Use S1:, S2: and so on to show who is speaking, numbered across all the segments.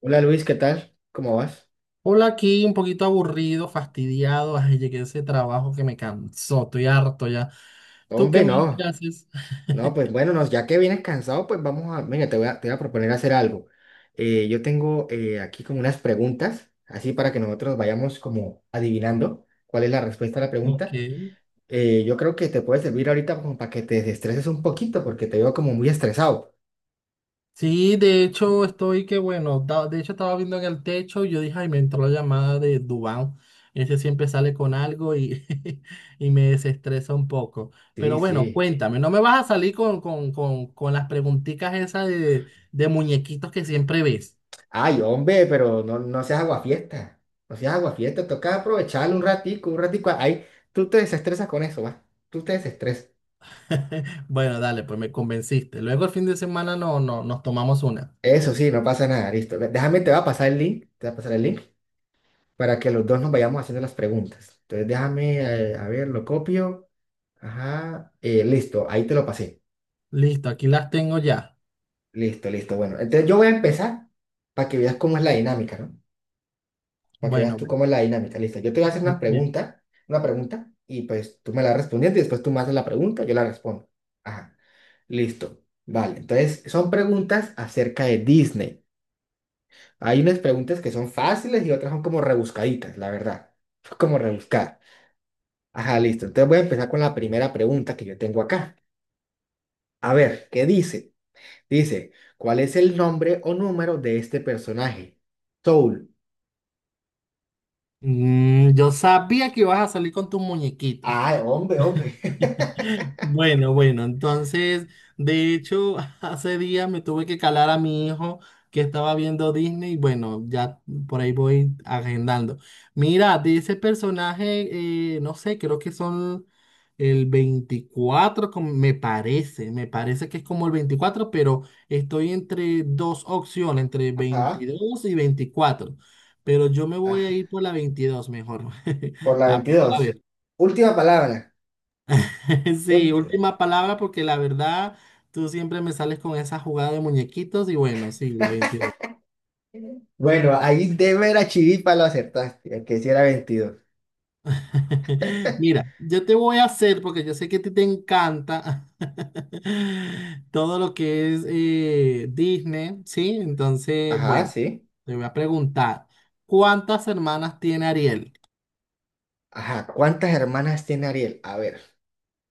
S1: Hola Luis, ¿qué tal? ¿Cómo vas?
S2: Hola, aquí un poquito aburrido, fastidiado. Ay, llegué a ese trabajo que me cansó, estoy harto ya. ¿Tú qué
S1: Hombre,
S2: más que
S1: no.
S2: haces?
S1: No, pues bueno, no, ya que vienes cansado, pues vamos a, mira, te voy a proponer hacer algo. Yo tengo aquí como unas preguntas, así para que nosotros vayamos como adivinando cuál es la respuesta a la
S2: Ok.
S1: pregunta. Yo creo que te puede servir ahorita como para que te desestreses un poquito, porque te veo como muy estresado.
S2: Sí, de hecho estoy que bueno, de hecho estaba viendo en el techo y yo dije, ay, me entró la llamada de Dubán. Ese siempre sale con algo y, y me desestresa un poco. Pero
S1: Sí,
S2: bueno,
S1: sí.
S2: cuéntame, no me vas a salir con, con, las preguntitas esas de muñequitos que siempre ves.
S1: Ay, hombre, pero no, no seas aguafiesta. No seas aguafiesta, toca aprovechar un ratico, un ratico. Ahí, tú te desestresas con eso, va. Tú te desestresas.
S2: Bueno, dale, pues me convenciste. Luego el fin de semana no nos tomamos una.
S1: Eso sí, no pasa nada, listo. Déjame, te va a pasar el link, te va a pasar el link para que los dos nos vayamos haciendo las preguntas. Entonces déjame, a ver, lo copio. Ajá, listo, ahí te lo pasé.
S2: Listo, aquí las tengo ya.
S1: Listo, listo, bueno. Entonces yo voy a empezar para que veas cómo es la dinámica, ¿no? Para que veas
S2: Bueno,
S1: tú
S2: bueno,
S1: cómo es la dinámica, listo. Yo te voy a hacer
S2: li- li-
S1: una pregunta, y pues tú me la respondes y después tú me haces la pregunta, yo la respondo. Ajá, listo. Vale, entonces son preguntas acerca de Disney. Hay unas preguntas que son fáciles y otras son como rebuscaditas, la verdad. Son como rebuscadas. Ajá, listo. Entonces voy a empezar con la primera pregunta que yo tengo acá. A ver, ¿qué dice? Dice, ¿cuál es el nombre o número de este personaje? Soul.
S2: Yo sabía que ibas a salir con tus muñequitos.
S1: Ay, hombre, hombre.
S2: Bueno, bueno, entonces, de hecho, hace días me tuve que calar a mi hijo que estaba viendo Disney. Bueno, ya por ahí voy agendando. Mira, de ese personaje, no sé, creo que son el 24, me parece que es como el 24, pero estoy entre dos opciones, entre
S1: Ajá.
S2: veintidós y 24. Pero yo me voy a
S1: ah,
S2: ir por la 22, mejor.
S1: Por la
S2: A
S1: 22.
S2: ver,
S1: Última palabra.
S2: sí,
S1: Ult-
S2: última palabra porque la verdad tú siempre me sales con esa jugada de muñequitos y bueno, sí, la 22.
S1: Bueno, ahí de vera chiripa lo acertaste, el que sí era 22.
S2: Mira, yo te voy a hacer porque yo sé que a ti te encanta todo lo que es Disney, ¿sí? Entonces,
S1: Ajá,
S2: bueno,
S1: sí.
S2: te voy a preguntar, ¿cuántas hermanas tiene Ariel?
S1: Ajá, ¿cuántas hermanas tiene Ariel? A ver.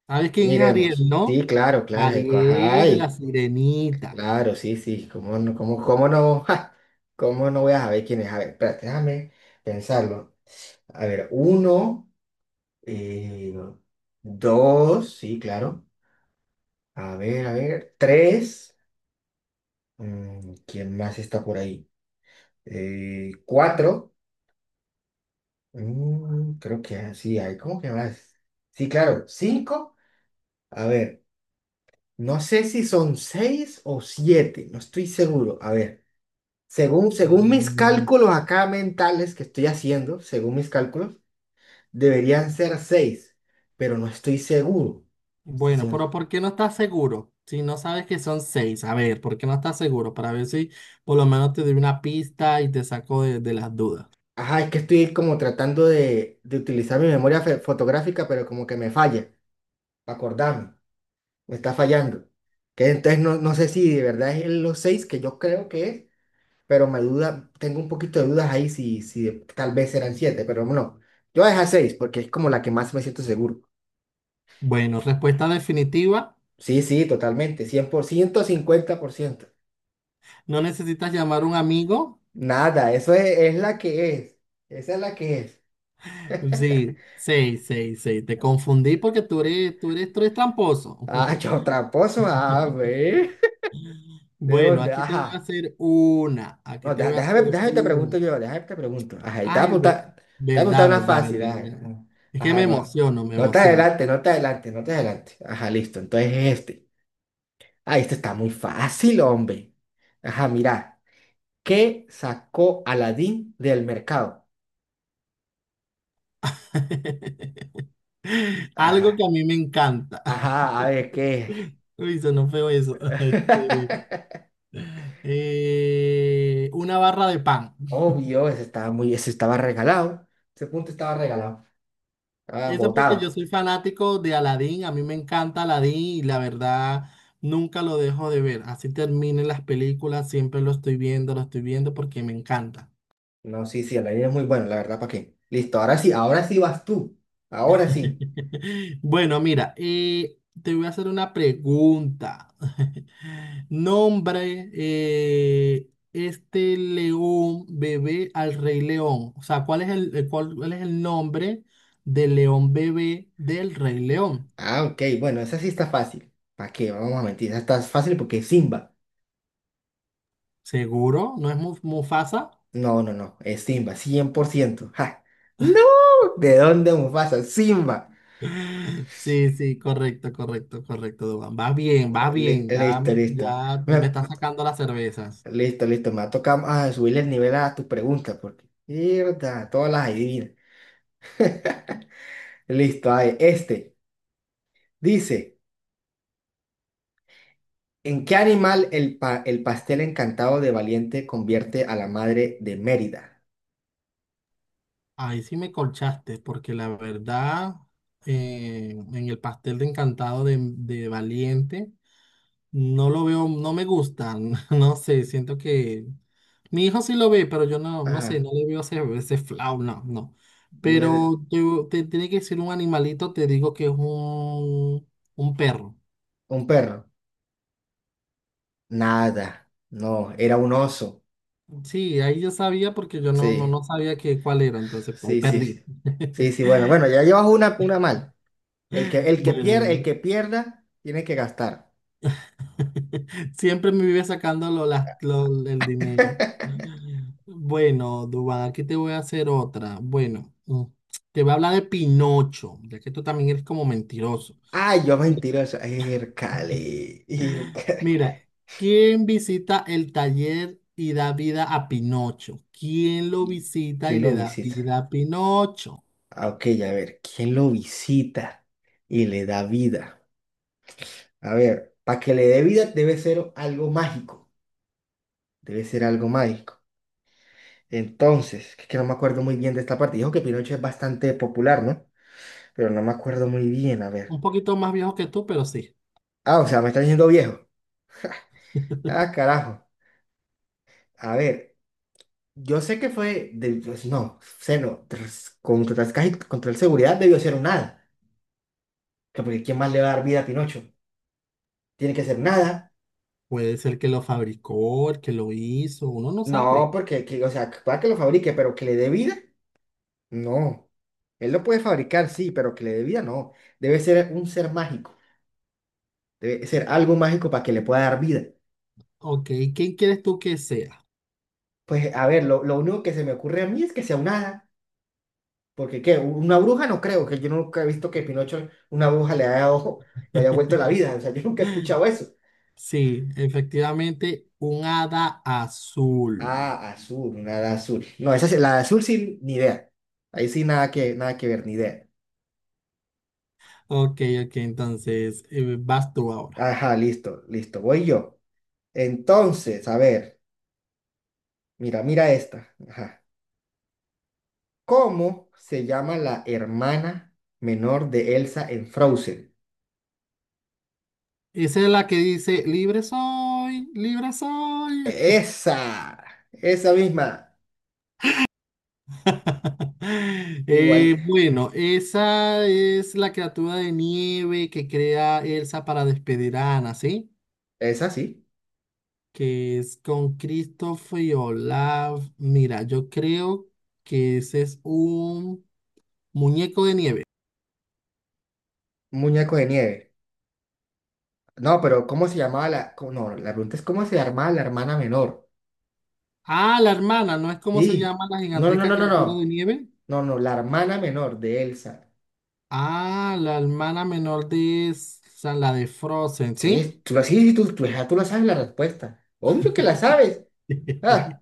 S2: ¿Sabes quién es Ariel,
S1: Miremos.
S2: no?
S1: Sí, claro, claro.
S2: Ariel de la
S1: Ay,
S2: Sirenita.
S1: claro, sí, sí. ¿Cómo no, ja, cómo no voy a saber quién es? A ver, espérate, déjame pensarlo. A ver, uno, eh, dos, sí, claro. A ver, tres. ¿Quién más está por ahí? Cuatro. Creo que sí, hay como que más. Sí, claro, cinco. A ver, no sé si son seis o siete, no estoy seguro. A ver. Según, según
S2: Ah,
S1: mis cálculos acá mentales que estoy haciendo, según mis cálculos, deberían ser seis, pero no estoy seguro. Si
S2: bueno,
S1: son...
S2: pero ¿por qué no estás seguro? Si no sabes que son seis, a ver, ¿por qué no estás seguro? Para ver si por lo menos te doy una pista y te saco de las dudas.
S1: Ajá, es que estoy como tratando de, utilizar mi memoria fotográfica, pero como que me falla, para acordarme, me está fallando. Que entonces no, no sé si de verdad es los seis que yo creo que es, pero me duda, tengo un poquito de dudas ahí si tal vez eran siete, pero no. Yo voy a dejar seis porque es como la que más me siento seguro.
S2: Bueno, respuesta definitiva.
S1: Sí, sí, totalmente, 100%, 50%,
S2: No necesitas llamar a un amigo.
S1: nada, eso es la que es. Esa es la que es.
S2: Sí, seis, seis, seis. Te confundí porque tú eres, tú eres tramposo.
S1: Ah, yo tramposo, a ver. ¿De
S2: Bueno,
S1: dónde?
S2: aquí te voy a
S1: Ajá.
S2: hacer una. Aquí
S1: No,
S2: te
S1: deja-
S2: voy a
S1: déjame,
S2: hacer
S1: déjame te pregunto
S2: una.
S1: yo, déjame te pregunto. Ajá, y te voy a
S2: Ay,
S1: apuntar, te voy a apuntar
S2: verdad,
S1: una
S2: verdad,
S1: fácil.
S2: verdad.
S1: Ajá,
S2: Ya. Es que me
S1: ajá, no.
S2: emociono, me
S1: No te
S2: emociono.
S1: adelante, no te adelante, no te adelante. Ajá, listo. Entonces este. Ah, este está muy fácil, hombre. Ajá, mira. ¿Qué sacó Aladín del mercado?
S2: Algo que a
S1: Ajá.
S2: mí me encanta.
S1: Ajá, a ver, ¿qué?
S2: Uy, sonó feo eso. Este, una barra de pan.
S1: Obvio, ese estaba regalado. Ese punto estaba regalado. Estaba
S2: Eso porque yo
S1: botado.
S2: soy fanático de Aladdin. A mí me encanta Aladdin y la verdad nunca lo dejo de ver. Así terminen las películas, siempre lo estoy viendo porque me encanta.
S1: No, sí, sí, la línea es muy buena, la verdad, ¿para qué? Listo, ahora sí vas tú. Ahora sí.
S2: Bueno, mira, te voy a hacer una pregunta. Nombre, este león bebé al rey león. O sea, ¿cuál es el, cuál es el nombre del león bebé del rey león?
S1: Ah, ok, bueno, esa sí está fácil. ¿Para qué? Vamos a mentir, esa está fácil porque es Simba.
S2: ¿Seguro? ¿No es Mufasa?
S1: No, no, no, es Simba, 100%. ¡Ja! ¡No! ¿De dónde Mufasa? Simba.
S2: Sí, sí, correcto, correcto, correcto, Duván. Vas bien, va bien.
S1: Listo, listo.
S2: Ya me
S1: Me-
S2: está sacando las cervezas.
S1: Listo, listo, me va a tocar subirle el nivel a tus preguntas porque, mierda, todas las adivinas. Listo, ahí, este. Dice, ¿en qué animal el pastel encantado de Valiente convierte a la madre de Mérida?
S2: Ahí sí me colchaste, porque la verdad, en el pastel de encantado de Valiente, no lo veo, no me gusta, no sé, siento que mi hijo sí lo ve, pero yo no, no sé,
S1: Ajá,
S2: no le veo ese, ese flau, no, no.
S1: no era-
S2: Te tiene que decir un animalito, te digo que es un perro.
S1: un perro. Nada, no, era un oso.
S2: Sí, ahí yo sabía porque yo
S1: Sí,
S2: no sabía que, cuál era, entonces pues, ahí
S1: sí, sí,
S2: perdí.
S1: sí. Sí, sí, bueno, bueno, ya llevas una mal.
S2: Bueno,
S1: El que pierda, tiene que gastar.
S2: siempre me vive sacándolo el dinero. Bueno, Dubán, aquí te voy a hacer otra. Bueno, te voy a hablar de Pinocho, ya que tú también eres como mentiroso.
S1: Ay, yo mentiroso. Ircale, ircale.
S2: Mira, ¿quién visita el taller y da vida a Pinocho? ¿Quién lo visita
S1: ¿Quién
S2: y le
S1: lo
S2: da
S1: visita?
S2: vida a Pinocho?
S1: Ah, ok, a ver, ¿quién lo visita y le da vida? A ver, para que le dé vida debe ser algo mágico. Debe ser algo mágico. Entonces, que no me acuerdo muy bien de esta parte. Dijo que Pinocho es bastante popular, ¿no? Pero no me acuerdo muy bien, a
S2: Un
S1: ver.
S2: poquito más viejo que tú, pero sí.
S1: Ah, o sea, me está diciendo viejo. Ah, carajo. A ver, yo sé que pues, no, sé no, contra el seguridad debió ser un hada. Que porque ¿quién más le va a dar vida a Pinocho? Tiene que ser nada.
S2: Puede ser que lo fabricó, el que lo hizo, uno no
S1: No,
S2: sabe.
S1: porque o sea, para que lo fabrique, pero que le dé vida. No, él lo puede fabricar, sí, pero que le dé vida, no. Debe ser un ser mágico, debe ser algo mágico para que le pueda dar vida.
S2: Ok, ¿quién quieres tú que sea?
S1: Pues a ver, lo único que se me ocurre a mí es que sea un hada, porque ¿qué? Una bruja no creo, que yo nunca he visto que Pinocho, una bruja le haya, ojo, lo haya vuelto la vida, o sea, yo nunca he escuchado eso.
S2: Sí, efectivamente, un hada azul.
S1: Ah, azul, una hada azul. No, esa, la de azul sin ni idea. Ahí sí nada que, nada que ver, ni idea.
S2: Ok, ok, entonces vas tú ahora.
S1: Ajá, listo, listo, voy yo. Entonces, a ver, mira, mira esta. Ajá. ¿Cómo se llama la hermana menor de Elsa en Frozen?
S2: Esa es la que dice, libre soy, libre soy.
S1: Esa, esa misma. Igual,
S2: Bueno, esa es la criatura de nieve que crea Elsa para despedir a Ana, ¿sí?
S1: esa sí.
S2: Que es con Christopher y Olaf. Mira, yo creo que ese es un muñeco de nieve.
S1: Un muñeco de nieve. No, pero ¿cómo se llamaba la... No, la pregunta es ¿cómo se llamaba la hermana menor?
S2: Ah, la hermana, ¿no es como se
S1: Sí.
S2: llama la
S1: No, no,
S2: gigantesca
S1: no, no,
S2: criatura de
S1: no.
S2: nieve?
S1: No, no, no, la hermana menor de Elsa.
S2: Ah, la hermana menor de esa, la de Frozen, ¿sí?
S1: Sí, tú, sí, sí, tú, ya tú la sabes la respuesta. Obvio que la sabes. Ah,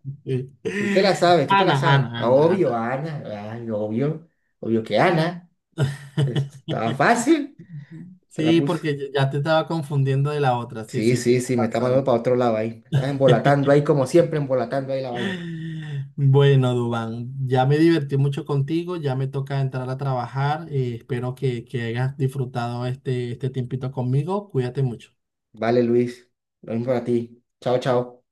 S1: tú te la sabes, tú te la
S2: Ana, Ana,
S1: sabes. Ah,
S2: Ana, Ana.
S1: obvio, Ana. Ay, obvio. Obvio que Ana. Estaba fácil. Te la
S2: Sí,
S1: puse.
S2: porque ya te estaba confundiendo de la otra. Sí,
S1: Sí,
S2: sí, te
S1: sí, sí, me está
S2: pasado.
S1: mandando para otro lado ahí. Me estás embolatando ahí como siempre, embolatando ahí la vaina.
S2: Bueno, Dubán, ya me divertí mucho contigo, ya me toca entrar a trabajar. Espero que hayas disfrutado este, este tiempito conmigo. Cuídate mucho.
S1: Vale, Luis. Lo mismo para ti. Chao, chao.